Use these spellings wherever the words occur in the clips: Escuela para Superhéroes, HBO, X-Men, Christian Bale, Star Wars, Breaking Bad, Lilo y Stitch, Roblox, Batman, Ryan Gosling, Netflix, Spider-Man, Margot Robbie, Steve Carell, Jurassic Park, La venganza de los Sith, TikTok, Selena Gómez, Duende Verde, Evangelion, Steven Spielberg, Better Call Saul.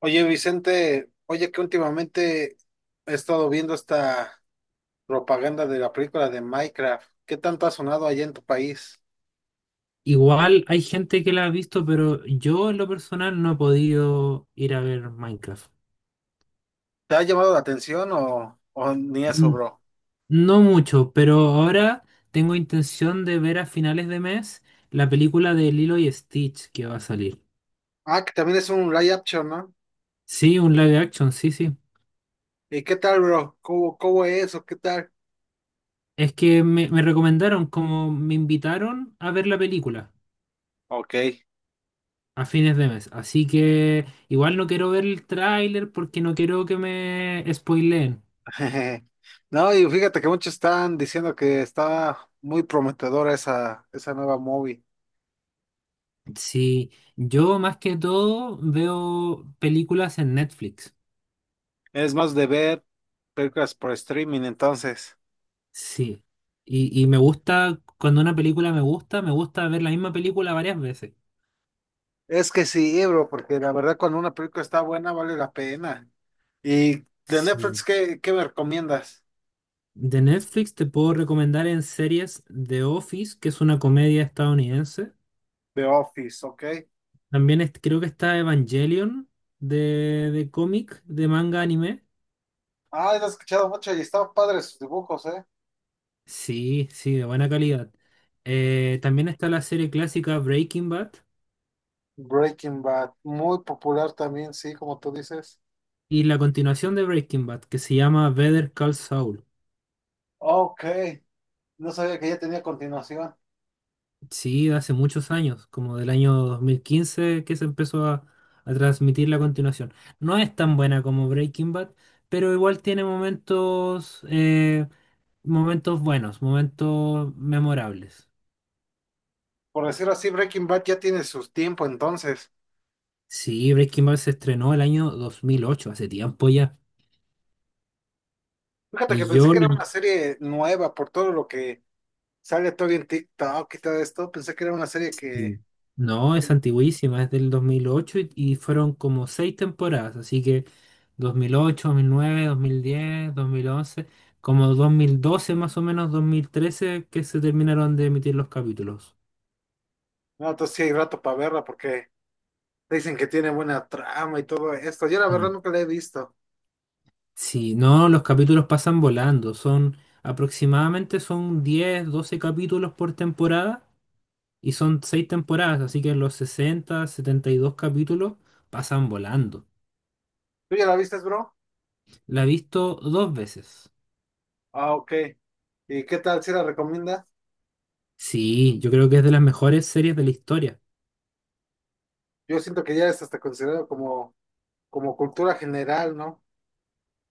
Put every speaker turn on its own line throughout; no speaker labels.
Oye, Vicente, oye que últimamente he estado viendo esta propaganda de la película de Minecraft. ¿Qué tanto ha sonado allá en tu país?
Igual hay gente que la ha visto, pero yo en lo personal no he podido ir a ver Minecraft.
¿Te ha llamado la atención o ni eso,
N-
bro?
No mucho, pero ahora tengo intención de ver a finales de mes la película de Lilo y Stitch que va a salir.
Ah, que también es un live action, ¿no?
Sí, un live action, sí, sí.
¿Y qué tal, bro? ¿Cómo es o qué tal?
Es que me recomendaron, como me invitaron a ver la película
Ok.
a fines de mes. Así que igual no quiero ver el tráiler porque no quiero que me spoileen.
No, y fíjate que muchos están diciendo que está muy prometedora esa nueva movie.
Sí, yo más que todo veo películas en Netflix.
Es más de ver películas por streaming, entonces.
Sí. Y me gusta, cuando una película me gusta ver la misma película varias veces.
Es que sí, bro, porque la verdad cuando una película está buena vale la pena. Y de Netflix,
Sí.
¿qué me recomiendas?
De Netflix te puedo recomendar en series The Office, que es una comedia estadounidense.
The Office, ¿ok?
Creo que está Evangelion de cómic, de manga anime.
Ah, lo he escuchado mucho y estaban padres sus dibujos, ¿eh?
Sí, sí, de buena calidad. También está la serie clásica Breaking Bad.
Breaking Bad, muy popular también, sí, como tú dices.
Y la continuación de Breaking Bad, que se llama Better Call Saul.
Ok, no sabía que ya tenía continuación.
Sí, de hace muchos años, como del año 2015 que se empezó a transmitir la continuación. No es tan buena como Breaking Bad, pero igual tiene momentos, momentos buenos, momentos memorables.
Por decirlo así, Breaking Bad ya tiene su tiempo entonces.
Sí, Breaking Bad se estrenó el año 2008 hace tiempo ya.
Fíjate que
Y
pensé
yo
que era
la
una serie nueva por todo lo que sale todo en TikTok y todo esto. Pensé que era una serie
Sí.
que,
No, es antiguísima, es del 2008 y fueron como seis temporadas, así que dos mil ocho, nueve, diez, 2011, como 2012 más o menos, 2013 que se terminaron de emitir los capítulos.
no, entonces sí hay rato para verla porque dicen que tiene buena trama y todo esto. Yo la verdad
Sí.
nunca la he visto.
Sí, no, los capítulos pasan volando, son aproximadamente son 10, 12 capítulos por temporada y son seis temporadas, así que los sesenta, 72 capítulos pasan volando.
¿Tú ya la viste, bro?
La he visto dos veces.
Ah, ok. ¿Y qué tal si la recomiendas?
Sí, yo creo que es de las mejores series de la historia.
Yo siento que ya es hasta considerado como, como cultura general, ¿no?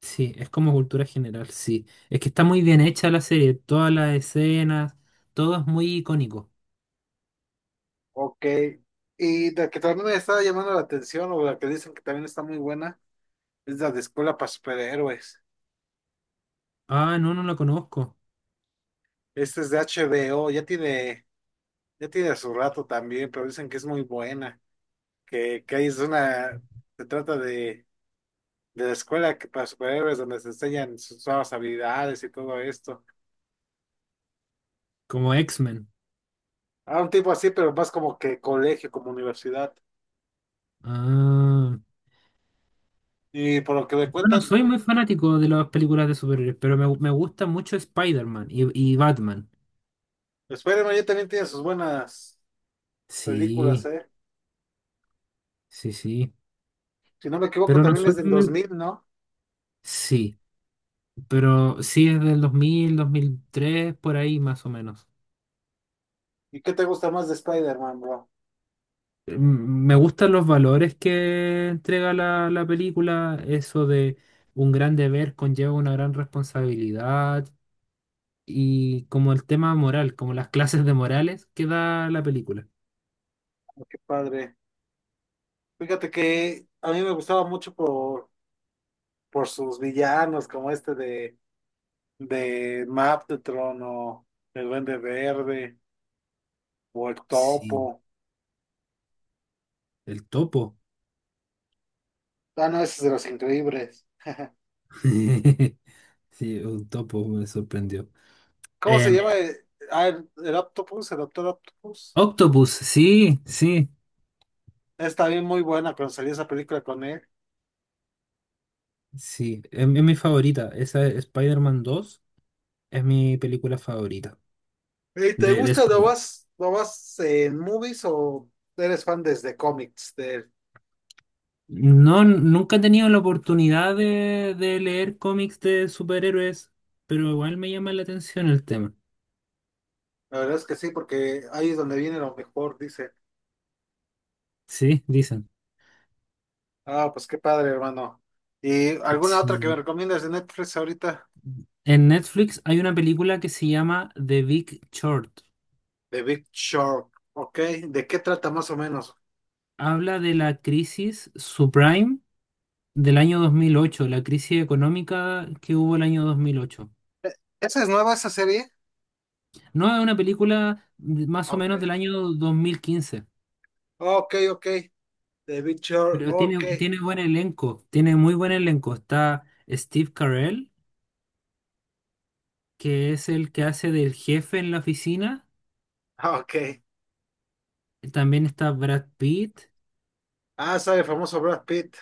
Sí, es como cultura general, sí. Es que está muy bien hecha la serie, todas las escenas, todo es muy icónico.
Ok. Y la que también me está llamando la atención, o la que dicen que también está muy buena, es la de Escuela para Superhéroes.
Ah, no, no la conozco.
Esta es de HBO, ya tiene su rato también, pero dicen que es muy buena, que ahí es una, se trata de la escuela que para superhéroes donde se enseñan sus nuevas habilidades y todo esto.
Como X-Men.
A un tipo así, pero más como que colegio, como universidad.
Ah.
Y por lo que me
Bueno,
cuentan,
soy muy fanático de las películas de superhéroes, pero me gusta mucho Spider-Man y Batman.
Spider-Man ya también tiene sus buenas
Sí,
películas, ¿eh?
sí, sí.
Si no me equivoco,
Pero no
también es
soy
del
muy...
2000, ¿no?
Sí, pero sí es del 2003 por ahí más o menos.
¿Y qué te gusta más de Spider-Man, bro?
Me gustan los valores que entrega la película, eso de un gran deber conlleva una gran responsabilidad y como el tema moral, como las clases de morales que da la película.
Oh, qué padre. Fíjate que a mí me gustaba mucho por sus villanos, como este de Maptron o el Duende Verde o el
Sí,
Topo.
el topo.
Ah, no, ese es de los increíbles.
Sí, un topo me sorprendió.
¿Cómo se
Em,
llama, eh? Ah, el Octopus, el Doctor Octopus.
Octopus, sí, sí,
Está bien muy buena cuando salió esa película con él.
sí, es mi favorita. Esa es Spider-Man 2, es mi película favorita
¿Y te
de
gusta?
Spider-Man.
Lo vas en movies o eres fan desde cómics de él?
No, nunca he tenido la oportunidad de leer cómics de superhéroes, pero igual me llama la atención el tema.
La verdad es que sí, porque ahí es donde viene lo mejor, dice.
Sí, dicen.
Ah, pues qué padre, hermano. ¿Y alguna otra que me
Sí.
recomiendas de Netflix ahorita?
En Netflix hay una película que se llama The Big Short.
The Big Short, ok. ¿De qué trata más o menos?
Habla de la crisis subprime del año 2008, la crisis económica que hubo el año 2008.
Eh, ¿Esa es nueva, esa serie?
No, es una película más o menos
Ok.
del año 2015,
Ok. The Big Short,
pero
ok.
tiene buen elenco, tiene muy buen elenco. Está Steve Carell, que es el que hace del jefe en la oficina.
Ok.
También está Brad Pitt,
Ah, sale el famoso Brad Pitt,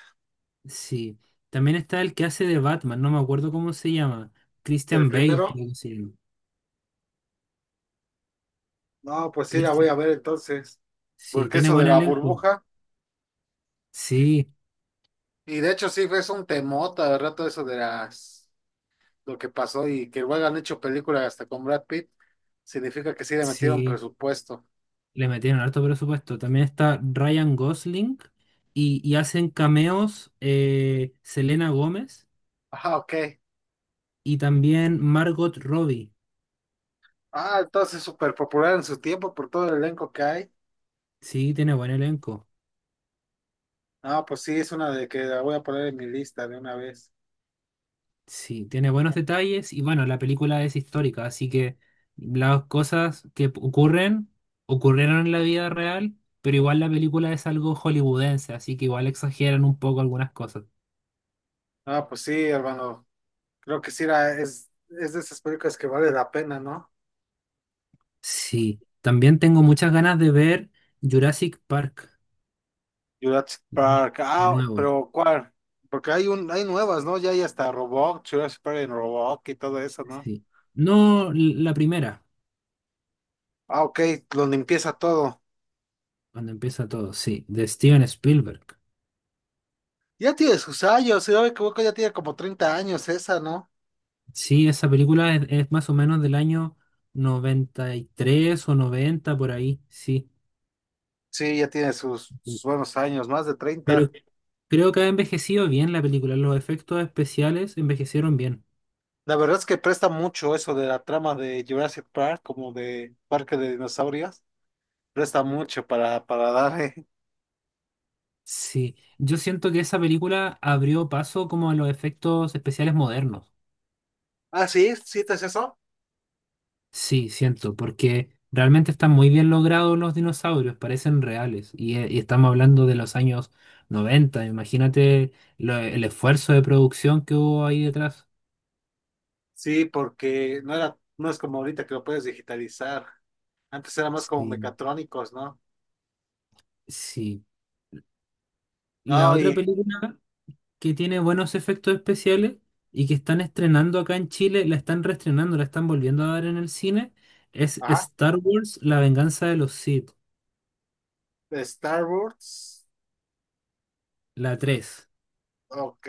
sí. También está el que hace de Batman, no me acuerdo cómo se llama.
el
Christian Bale,
primero.
creo que se llama.
No, pues sí, la voy
Christian-
a ver entonces.
Sí,
Porque
tiene
eso de
buen
la
elenco.
burbuja.
Sí,
Y de hecho sí, es un temota de rato eso de las lo que pasó y que luego han hecho películas hasta con Brad Pitt. Significa que sí le metieron
sí.
presupuesto.
Le metieron harto presupuesto. También está Ryan Gosling y hacen cameos, Selena Gómez
Ah, ok.
y también Margot Robbie.
Ah, entonces súper popular en su tiempo por todo el elenco que hay.
Sí, tiene buen elenco.
Ah, pues sí, es una de que la voy a poner en mi lista de una vez.
Sí, tiene buenos detalles y bueno, la película es histórica, así que las cosas que ocurren, ocurrieron en la vida real, pero igual la película es algo hollywoodense, así que igual exageran un poco algunas cosas.
Ah, pues sí, hermano. Creo que sí, era, es de esas películas que vale la pena, ¿no?
Sí, también tengo muchas ganas de ver Jurassic Park
Jurassic Park,
de
ah,
nuevo.
¿pero cuál? Porque hay un, hay nuevas, ¿no? Ya hay hasta Roblox, Jurassic Park en Roblox y todo eso, ¿no?
Sí. No l- La primera,
Ah, ok, donde empieza todo.
cuando empieza todo, sí, de Steven Spielberg.
Ya tiene sus años, si no me equivoco, ya tiene como 30 años esa, ¿no?
Sí, esa película es más o menos del año 93 o 90 por ahí, sí.
Sí, ya tiene sus, sus buenos años, más de 30.
Pero creo que ha envejecido bien la película. Los efectos especiales envejecieron bien.
La verdad es que presta mucho eso de la trama de Jurassic Park, como de Parque de Dinosaurios. Presta mucho para darle.
Sí, yo siento que esa película abrió paso como a los efectos especiales modernos.
Ah, sí, sí, ¿te es eso?
Sí, siento, porque realmente están muy bien logrados los dinosaurios, parecen reales. Y estamos hablando de los años 90. Imagínate el esfuerzo de producción que hubo ahí detrás.
Sí, porque no era, no es como ahorita que lo puedes digitalizar. Antes éramos como
Sí,
mecatrónicos, ¿no?
sí. La
No,
otra
y,
película que tiene buenos efectos especiales y que están estrenando acá en Chile, la están reestrenando, la están volviendo a dar en el cine, es
ajá,
Star Wars, La venganza de los Sith,
de Star Wars,
la tres.
ok.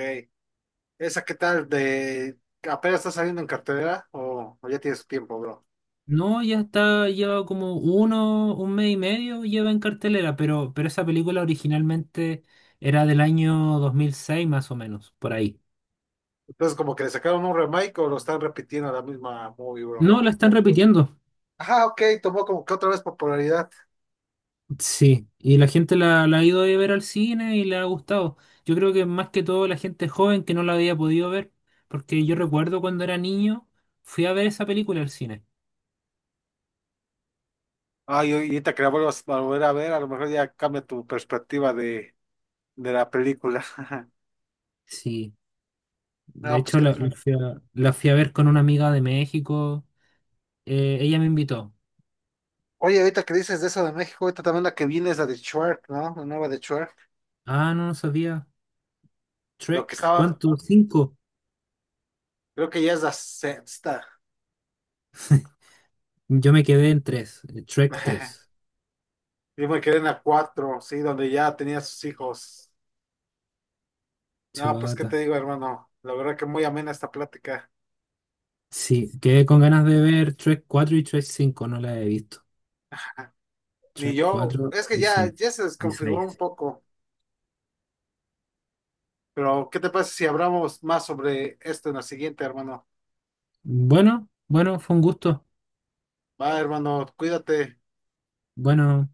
¿Esa qué tal? De, ¿apenas está saliendo en cartelera o ya tiene su tiempo, bro?
No, ya está, lleva como uno, un mes y medio lleva en cartelera, pero esa película originalmente era del año 2006 más o menos, por ahí.
Entonces, como que le sacaron un remake o lo están repitiendo la misma movie, bro.
No, la están repitiendo.
Ajá, ok, tomó como que otra vez popularidad.
Sí, y la gente la ha ido a ver al cine y le ha gustado. Yo creo que más que todo la gente joven que no la había podido ver, porque yo recuerdo cuando era niño, fui a ver esa película al cine.
Ay, oye, ahorita que la vuelvas a volver a ver, a lo mejor ya cambia tu perspectiva de la película.
Sí, de
No, pues
hecho
que...
la fui a ver con una amiga de México, ella me invitó.
Oye, ahorita que dices de eso de México, ahorita también la que viene es la de Shrek, ¿no? La nueva de Shrek.
Ah, no, no sabía.
Lo que
Trek,
estaba...
¿cuánto? ¿Cinco?
Creo que ya es la sexta.
Yo me quedé en tres, Trek tres.
Yo me quedé en la cuatro, sí, donde ya tenía sus hijos. No, pues qué
Chubata.
te digo, hermano. La verdad que muy amena esta plática.
Sí, quedé con ganas de ver Trek 4 y Trek 5, no la he visto.
Ni
Trek
yo,
4
es que
y
ya,
cinco
ya se
y
desconfiguró un
seis.
poco. Pero, ¿qué te parece si hablamos más sobre esto en la siguiente, hermano?
Bueno, bueno, fue un gusto.
Va, hermano, cuídate.
Bueno,